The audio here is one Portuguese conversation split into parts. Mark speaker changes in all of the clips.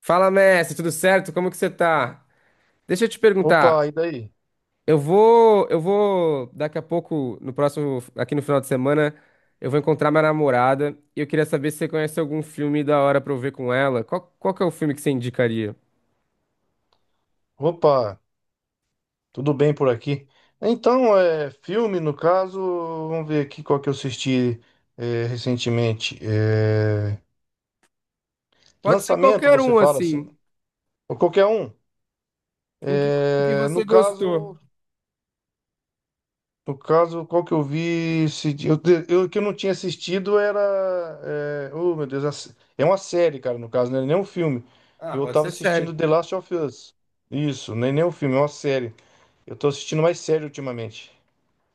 Speaker 1: Fala, mestre, tudo certo? Como que você tá? Deixa eu te perguntar.
Speaker 2: Opa, e daí?
Speaker 1: Eu vou daqui a pouco, no próximo, aqui no final de semana, eu vou encontrar minha namorada e eu queria saber se você conhece algum filme da hora pra eu ver com ela. Qual que é o filme que você indicaria?
Speaker 2: Opa, tudo bem por aqui? Então, é filme, no caso, vamos ver aqui qual que eu assisti recentemente. É,
Speaker 1: Pode ser
Speaker 2: lançamento,
Speaker 1: qualquer
Speaker 2: você
Speaker 1: um,
Speaker 2: fala assim?
Speaker 1: assim.
Speaker 2: Ou qualquer um.
Speaker 1: Um que, um que
Speaker 2: É,
Speaker 1: você
Speaker 2: no
Speaker 1: gostou.
Speaker 2: caso, no caso, qual que eu vi esse dia? Eu que eu não tinha assistido era. É, oh, meu Deus, é uma série, cara, no caso, não é nem um filme.
Speaker 1: Ah,
Speaker 2: Eu
Speaker 1: pode
Speaker 2: tava
Speaker 1: ser
Speaker 2: assistindo
Speaker 1: sério.
Speaker 2: The Last of Us. Isso, nem um filme, é uma série. Eu tô assistindo mais série ultimamente.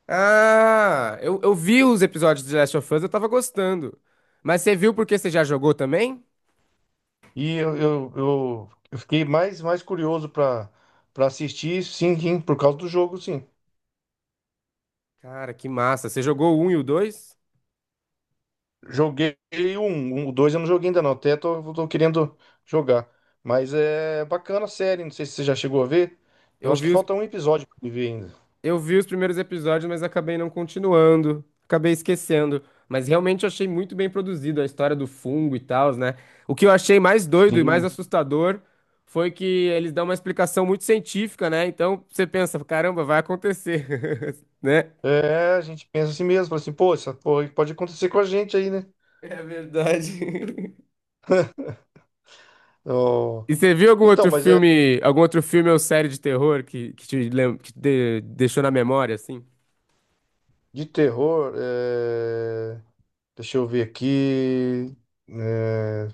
Speaker 1: Ah, eu vi os episódios de Last of Us, eu tava gostando. Mas você viu porque você já jogou também?
Speaker 2: E eu fiquei mais curioso para assistir, sim, sim, por causa do jogo, sim.
Speaker 1: Cara, que massa. Você jogou o 1 e o 2?
Speaker 2: Joguei o um, o dois eu não joguei ainda não, até tô querendo jogar. Mas é bacana a série, não sei se você já chegou a ver. Eu
Speaker 1: Eu
Speaker 2: acho que
Speaker 1: vi os
Speaker 2: falta um episódio pra me ver ainda.
Speaker 1: Eu vi os primeiros episódios, mas acabei não continuando, acabei esquecendo. Mas realmente eu achei muito bem produzido a história do fungo e tal, né? O que eu achei mais doido e mais
Speaker 2: Sim.
Speaker 1: assustador foi que eles dão uma explicação muito científica, né? Então você pensa, caramba, vai acontecer, né?
Speaker 2: É, a gente pensa assim mesmo, fala assim, pô, essa porra pode acontecer com a gente aí, né?
Speaker 1: É verdade.
Speaker 2: Ó,
Speaker 1: E você viu
Speaker 2: então, mas é
Speaker 1: algum outro filme ou série de terror que deixou na memória, assim?
Speaker 2: de terror, deixa eu ver aqui. é,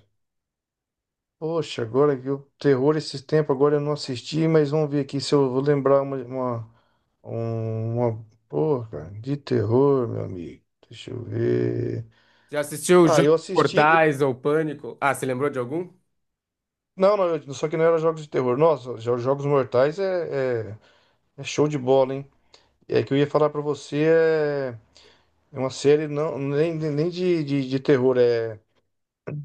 Speaker 2: Poxa, agora que o terror esses tempos, agora eu não assisti, mas vamos ver aqui se eu vou lembrar uma porra de terror, meu amigo. Deixa eu ver.
Speaker 1: Já assistiu
Speaker 2: Ah,
Speaker 1: Jogos
Speaker 2: eu assisti.
Speaker 1: Mortais ou Pânico? Ah, você lembrou de algum?
Speaker 2: Não, não, só que não era jogos de terror. Nossa, Jogos Mortais é show de bola, hein? É que eu ia falar pra você, é uma série não, nem de terror, é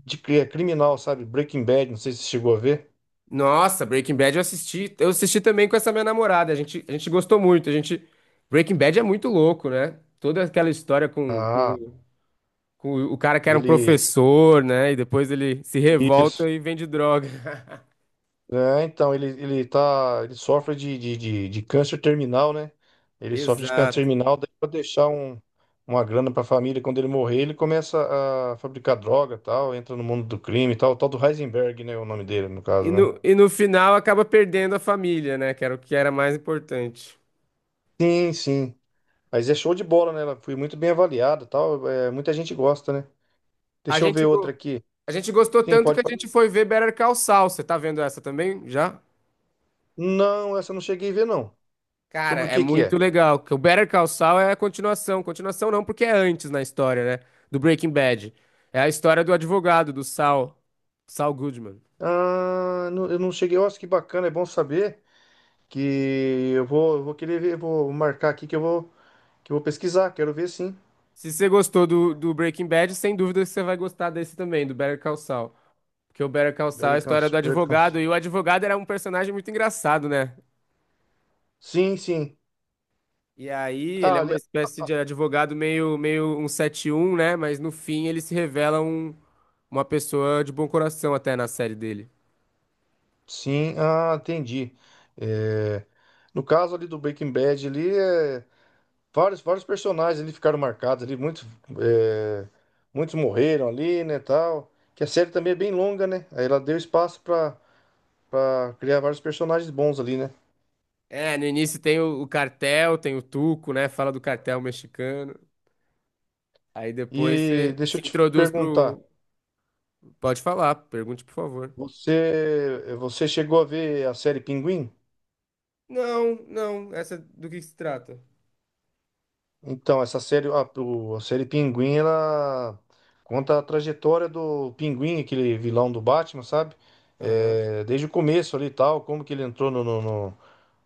Speaker 2: de cri- é criminal, sabe? Breaking Bad, não sei se você chegou a ver.
Speaker 1: Nossa, Breaking Bad eu assisti. Eu assisti também com essa minha namorada. A gente gostou muito. A gente, Breaking Bad é muito louco, né? Toda aquela história
Speaker 2: Ah,
Speaker 1: com o cara que era um
Speaker 2: ele.
Speaker 1: professor, né? E depois ele se
Speaker 2: Isso.
Speaker 1: revolta e vende droga.
Speaker 2: É, então, ele tá. Ele sofre de câncer terminal, né? Ele sofre de câncer
Speaker 1: Exato.
Speaker 2: terminal, daí pra deixar uma grana pra família, quando ele morrer, ele começa a fabricar droga e tal, entra no mundo do crime e tal, o tal do Heisenberg, né? O nome dele, no
Speaker 1: E
Speaker 2: caso, né?
Speaker 1: no, e no final acaba perdendo a família, né? Que era o que era mais importante.
Speaker 2: Sim, sim. Mas é show de bola, né? Ela foi muito bem avaliada e tal. Muita gente gosta, né?
Speaker 1: A
Speaker 2: Deixa eu ver
Speaker 1: gente,
Speaker 2: outra
Speaker 1: go-
Speaker 2: aqui.
Speaker 1: a gente gostou
Speaker 2: Sim,
Speaker 1: tanto
Speaker 2: pode,
Speaker 1: que a
Speaker 2: pode.
Speaker 1: gente foi ver Better Call Saul. Você tá vendo essa também já?
Speaker 2: Não, essa eu não cheguei a ver, não.
Speaker 1: Cara,
Speaker 2: Sobre o
Speaker 1: é
Speaker 2: que que
Speaker 1: muito
Speaker 2: é?
Speaker 1: legal. Que O Better Call Saul é a continuação. Continuação não, porque é antes na história, né? Do Breaking Bad. É a história do advogado, do Saul. Saul Goodman.
Speaker 2: Ah, eu não cheguei. Nossa, que bacana, é bom saber. Que eu vou querer ver, vou marcar aqui que eu vou pesquisar, quero ver sim.
Speaker 1: Se você gostou do Breaking Bad, sem dúvida você vai gostar desse também, do Better Call Saul. Porque o Better Call Saul é a
Speaker 2: Bellingham,
Speaker 1: história do
Speaker 2: Bellingham.
Speaker 1: advogado. E o advogado era um personagem muito engraçado, né?
Speaker 2: Sim, sim.
Speaker 1: E aí, ele
Speaker 2: Ah,
Speaker 1: é uma
Speaker 2: ali,
Speaker 1: espécie de advogado meio um sete um, né? Mas no fim ele se revela um, uma pessoa de bom coração até na série dele.
Speaker 2: sim, ah, entendi. É, no caso ali do Breaking Bad, ali, vários personagens ali ficaram marcados ali, é, muitos morreram ali, né, tal. Que a série também é bem longa, né? Aí ela deu espaço para criar vários personagens bons ali, né?
Speaker 1: É, no início tem o cartel, tem o Tuco, né? Fala do cartel mexicano. Aí depois
Speaker 2: E
Speaker 1: você
Speaker 2: deixa
Speaker 1: se
Speaker 2: eu te
Speaker 1: introduz
Speaker 2: perguntar,
Speaker 1: pro. Pode falar, pergunte, por favor.
Speaker 2: você chegou a ver a série Pinguim?
Speaker 1: Não, essa do que se trata?
Speaker 2: Então, essa série, a série Pinguim, ela conta a trajetória do Pinguim, aquele vilão do Batman, sabe?
Speaker 1: Aham.
Speaker 2: É, desde o começo ali e tal, como que ele entrou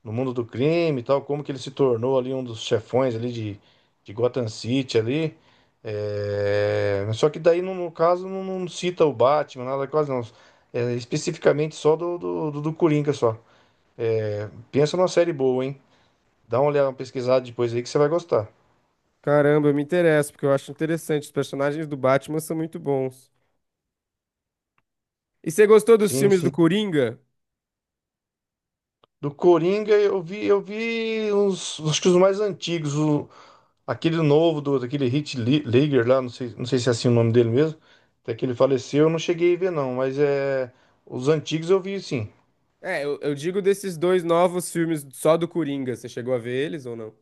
Speaker 2: no mundo do crime e tal, como que ele se tornou ali um dos chefões ali de Gotham City ali. É, mas só que daí, no caso, não cita o Batman, nada quase não. É, especificamente só do Coringa só. É, pensa numa série boa, hein? Dá uma olhada, uma pesquisada depois aí que você vai gostar.
Speaker 1: Caramba, eu me interesso, porque eu acho interessante. Os personagens do Batman são muito bons. E você gostou dos
Speaker 2: Sim,
Speaker 1: filmes do
Speaker 2: sim.
Speaker 1: Coringa?
Speaker 2: Do Coringa eu vi, uns, acho que os mais antigos, aquele novo daquele Heath Ledger lá, não sei se é assim o nome dele mesmo, até que ele faleceu, eu não cheguei a ver não, mas é os antigos eu vi sim.
Speaker 1: É, eu digo desses dois novos filmes só do Coringa. Você chegou a ver eles ou não?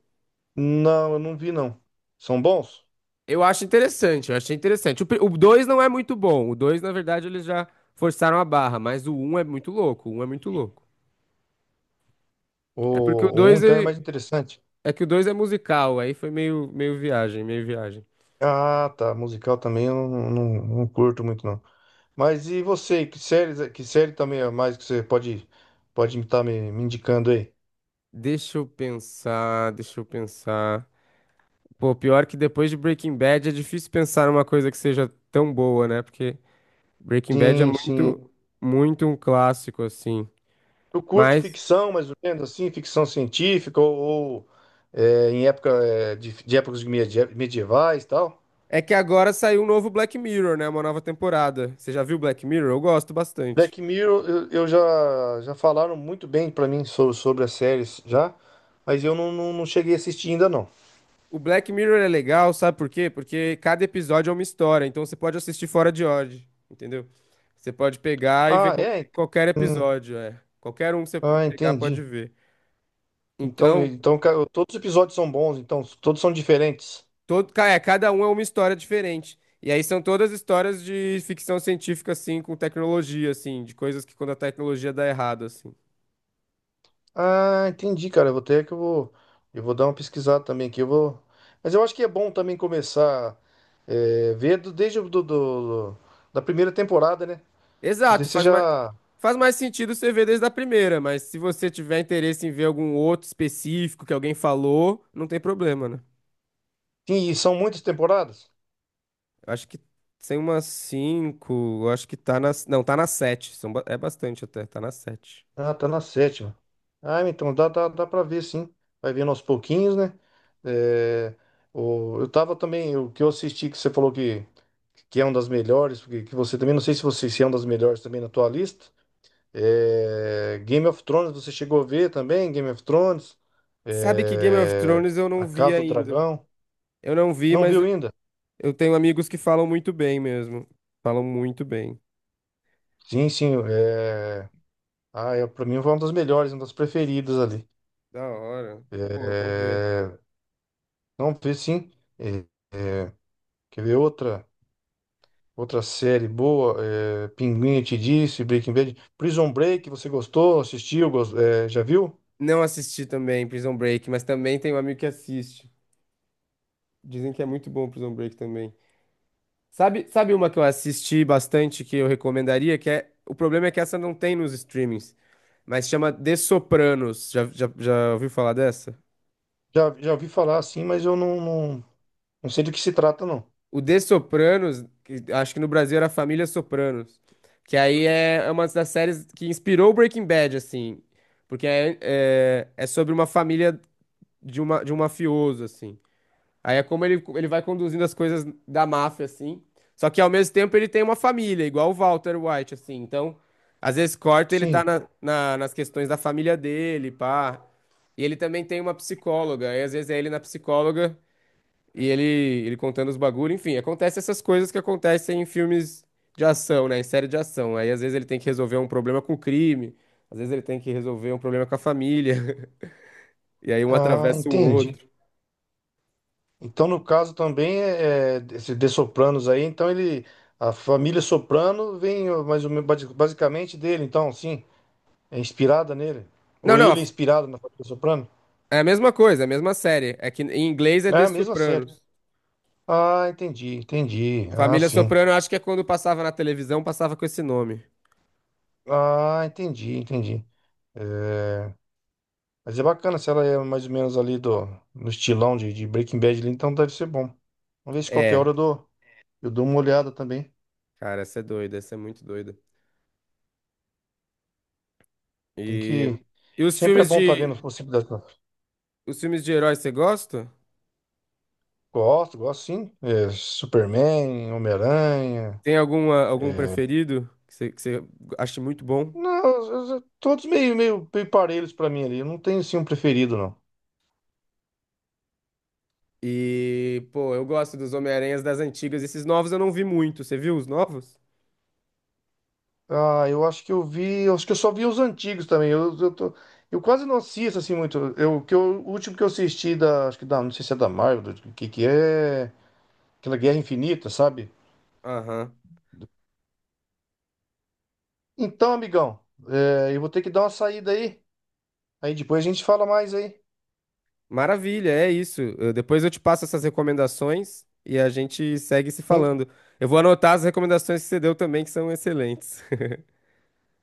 Speaker 2: Não, eu não vi não. São bons?
Speaker 1: Eu acho interessante, eu achei interessante. O 2 não é muito bom. O 2, na verdade, eles já forçaram a barra, mas o um é muito louco. O 1 é muito louco.
Speaker 2: O,
Speaker 1: É porque o
Speaker 2: o um
Speaker 1: 2
Speaker 2: então é
Speaker 1: é,
Speaker 2: mais interessante.
Speaker 1: é que o 2 é musical, aí foi meio viagem, meio viagem.
Speaker 2: Ah, tá, musical também eu não curto muito não. Mas e você, que série também é mais que você pode estar me indicando aí?
Speaker 1: Deixa eu pensar, deixa eu pensar. Pô, pior que depois de Breaking Bad é difícil pensar numa coisa que seja tão boa, né? Porque Breaking Bad é
Speaker 2: Sim, sim.
Speaker 1: muito, muito um clássico, assim.
Speaker 2: Tu curte
Speaker 1: Mas
Speaker 2: ficção, mais ou menos assim, ficção científica ou, de épocas medievais e tal?
Speaker 1: é que agora saiu um novo Black Mirror, né? Uma nova temporada. Você já viu Black Mirror? Eu gosto bastante.
Speaker 2: Black Mirror, eu já falaram muito bem pra mim sobre as séries já, mas eu não cheguei a assistir ainda não.
Speaker 1: O Black Mirror é legal, sabe por quê? Porque cada episódio é uma história, então você pode assistir fora de ordem, entendeu? Você pode pegar e ver
Speaker 2: Ah, é?
Speaker 1: qualquer
Speaker 2: Hum,
Speaker 1: episódio, é. Qualquer um que você
Speaker 2: ah,
Speaker 1: pegar pode
Speaker 2: entendi.
Speaker 1: ver.
Speaker 2: Então,
Speaker 1: Então,
Speaker 2: então ca- todos os episódios são bons, então todos são diferentes.
Speaker 1: cada um é uma história diferente. E aí são todas histórias de ficção científica, assim, com tecnologia, assim, de coisas que quando a tecnologia dá errado, assim.
Speaker 2: Ah, entendi, cara. Eu vou ter que eu vou dar uma pesquisada também aqui. Eu vou, mas eu acho que é bom também começar ver desde da primeira temporada, né? Porque daí
Speaker 1: Exato,
Speaker 2: você
Speaker 1: faz mais,
Speaker 2: já,
Speaker 1: faz mais sentido você ver desde a primeira, mas se você tiver interesse em ver algum outro específico que alguém falou, não tem problema, né?
Speaker 2: sim, e são muitas temporadas.
Speaker 1: Eu acho que tem umas cinco. Eu acho que tá nas. Não, tá nas sete. É bastante até, tá nas sete.
Speaker 2: Ah, tá na sétima. Ah, então dá para ver, sim. Vai vendo aos pouquinhos, né? É, eu tava também o que eu assisti que você falou que é uma das melhores, porque que você também não sei se você se é uma das melhores também na tua lista. É, Game of Thrones, você chegou a ver também? Game of Thrones?
Speaker 1: Sabe que Game of
Speaker 2: É,
Speaker 1: Thrones eu
Speaker 2: A
Speaker 1: não vi
Speaker 2: Casa do
Speaker 1: ainda.
Speaker 2: Dragão?
Speaker 1: Eu não vi,
Speaker 2: Não
Speaker 1: mas
Speaker 2: viu
Speaker 1: eu
Speaker 2: ainda?
Speaker 1: eu tenho amigos que falam muito bem mesmo. Falam muito bem.
Speaker 2: Sim, sim. É... Ah, é, pra mim foi uma das melhores, uma das preferidas ali.
Speaker 1: Da hora. Pô, eu vou ver.
Speaker 2: É, Não, vi sim. É, é, Quer ver outra série boa? É... Pinguim, eu te disse, Breaking Bad. Prison Break, você gostou? Assistiu? Já viu?
Speaker 1: Não assisti também Prison Break, mas também tem um amigo que assiste. Dizem que é muito bom Prison Break também. Sabe uma que eu assisti bastante que eu recomendaria, que é, o problema é que essa não tem nos streamings, mas chama The Sopranos. Já ouviu falar dessa?
Speaker 2: Já ouvi falar, sim, mas eu não sei do que se trata, não.
Speaker 1: O The Sopranos, que acho que no Brasil era Família Sopranos, que aí é é uma das séries que inspirou o Breaking Bad, assim, porque é sobre uma família de, uma, de um mafioso, assim. Aí é como ele vai conduzindo as coisas da máfia, assim. Só que ao mesmo tempo ele tem uma família, igual o Walter White, assim. Então, às vezes corta, ele tá
Speaker 2: Sim.
Speaker 1: nas questões da família dele, pá. E ele também tem uma psicóloga. Aí às vezes é ele na psicóloga e ele, ele contando os bagulho. Enfim, acontece essas coisas que acontecem em filmes de ação, né? Em série de ação. Aí às vezes ele tem que resolver um problema com o crime. Às vezes ele tem que resolver um problema com a família. E aí um
Speaker 2: Ah,
Speaker 1: atravessa o
Speaker 2: entendi.
Speaker 1: outro.
Speaker 2: Então, no caso também, esse de Sopranos aí, então ele, a família Soprano vem ó, mais ou menos basicamente dele, então, sim, é inspirada nele.
Speaker 1: Não,
Speaker 2: Ou
Speaker 1: não.
Speaker 2: ele é inspirado na família Soprano?
Speaker 1: É a mesma coisa, é a mesma série. É que em inglês é
Speaker 2: É
Speaker 1: The
Speaker 2: a mesma série.
Speaker 1: Sopranos.
Speaker 2: Ah, entendi, entendi. Ah,
Speaker 1: Família
Speaker 2: sim.
Speaker 1: Soprano, eu acho que é quando passava na televisão, passava com esse nome.
Speaker 2: Ah, entendi, entendi. É, Mas é bacana se ela é mais ou menos ali no estilão de Breaking Bad ali, então deve ser bom. Vamos ver se qualquer hora eu
Speaker 1: É,
Speaker 2: dou, eu dou uma olhada também.
Speaker 1: cara, essa é doida, essa é muito doida.
Speaker 2: Tem
Speaker 1: E,
Speaker 2: que.
Speaker 1: e os
Speaker 2: Sempre é
Speaker 1: filmes
Speaker 2: bom estar
Speaker 1: de
Speaker 2: vendo as possibilidades.
Speaker 1: os filmes de heróis você gosta?
Speaker 2: Gosto, gosto sim. É, Superman, Homem-Aranha.
Speaker 1: Tem alguma algum
Speaker 2: é,
Speaker 1: preferido que você acha muito bom?
Speaker 2: Não, todos meio parelhos pra mim ali. Eu não tenho assim um preferido, não.
Speaker 1: E, pô, eu gosto dos Homem-Aranhas das antigas. Esses novos eu não vi muito. Você viu os novos?
Speaker 2: Ah, eu acho que eu vi. Eu acho que eu só vi os antigos também. Eu quase não assisto assim muito. O último que eu assisti da. Acho que da. Não sei se é da Marvel, do que é. Aquela Guerra Infinita, sabe?
Speaker 1: Aham.
Speaker 2: Então, amigão, eu vou ter que dar uma saída aí. Aí depois a gente fala mais aí.
Speaker 1: Maravilha, é isso. Depois eu te passo essas recomendações e a gente segue se
Speaker 2: Hein?
Speaker 1: falando. Eu vou anotar as recomendações que você deu também, que são excelentes.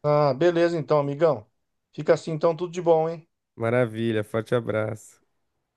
Speaker 2: Ah, beleza então, amigão. Fica assim então, tudo de bom, hein?
Speaker 1: Maravilha, forte abraço.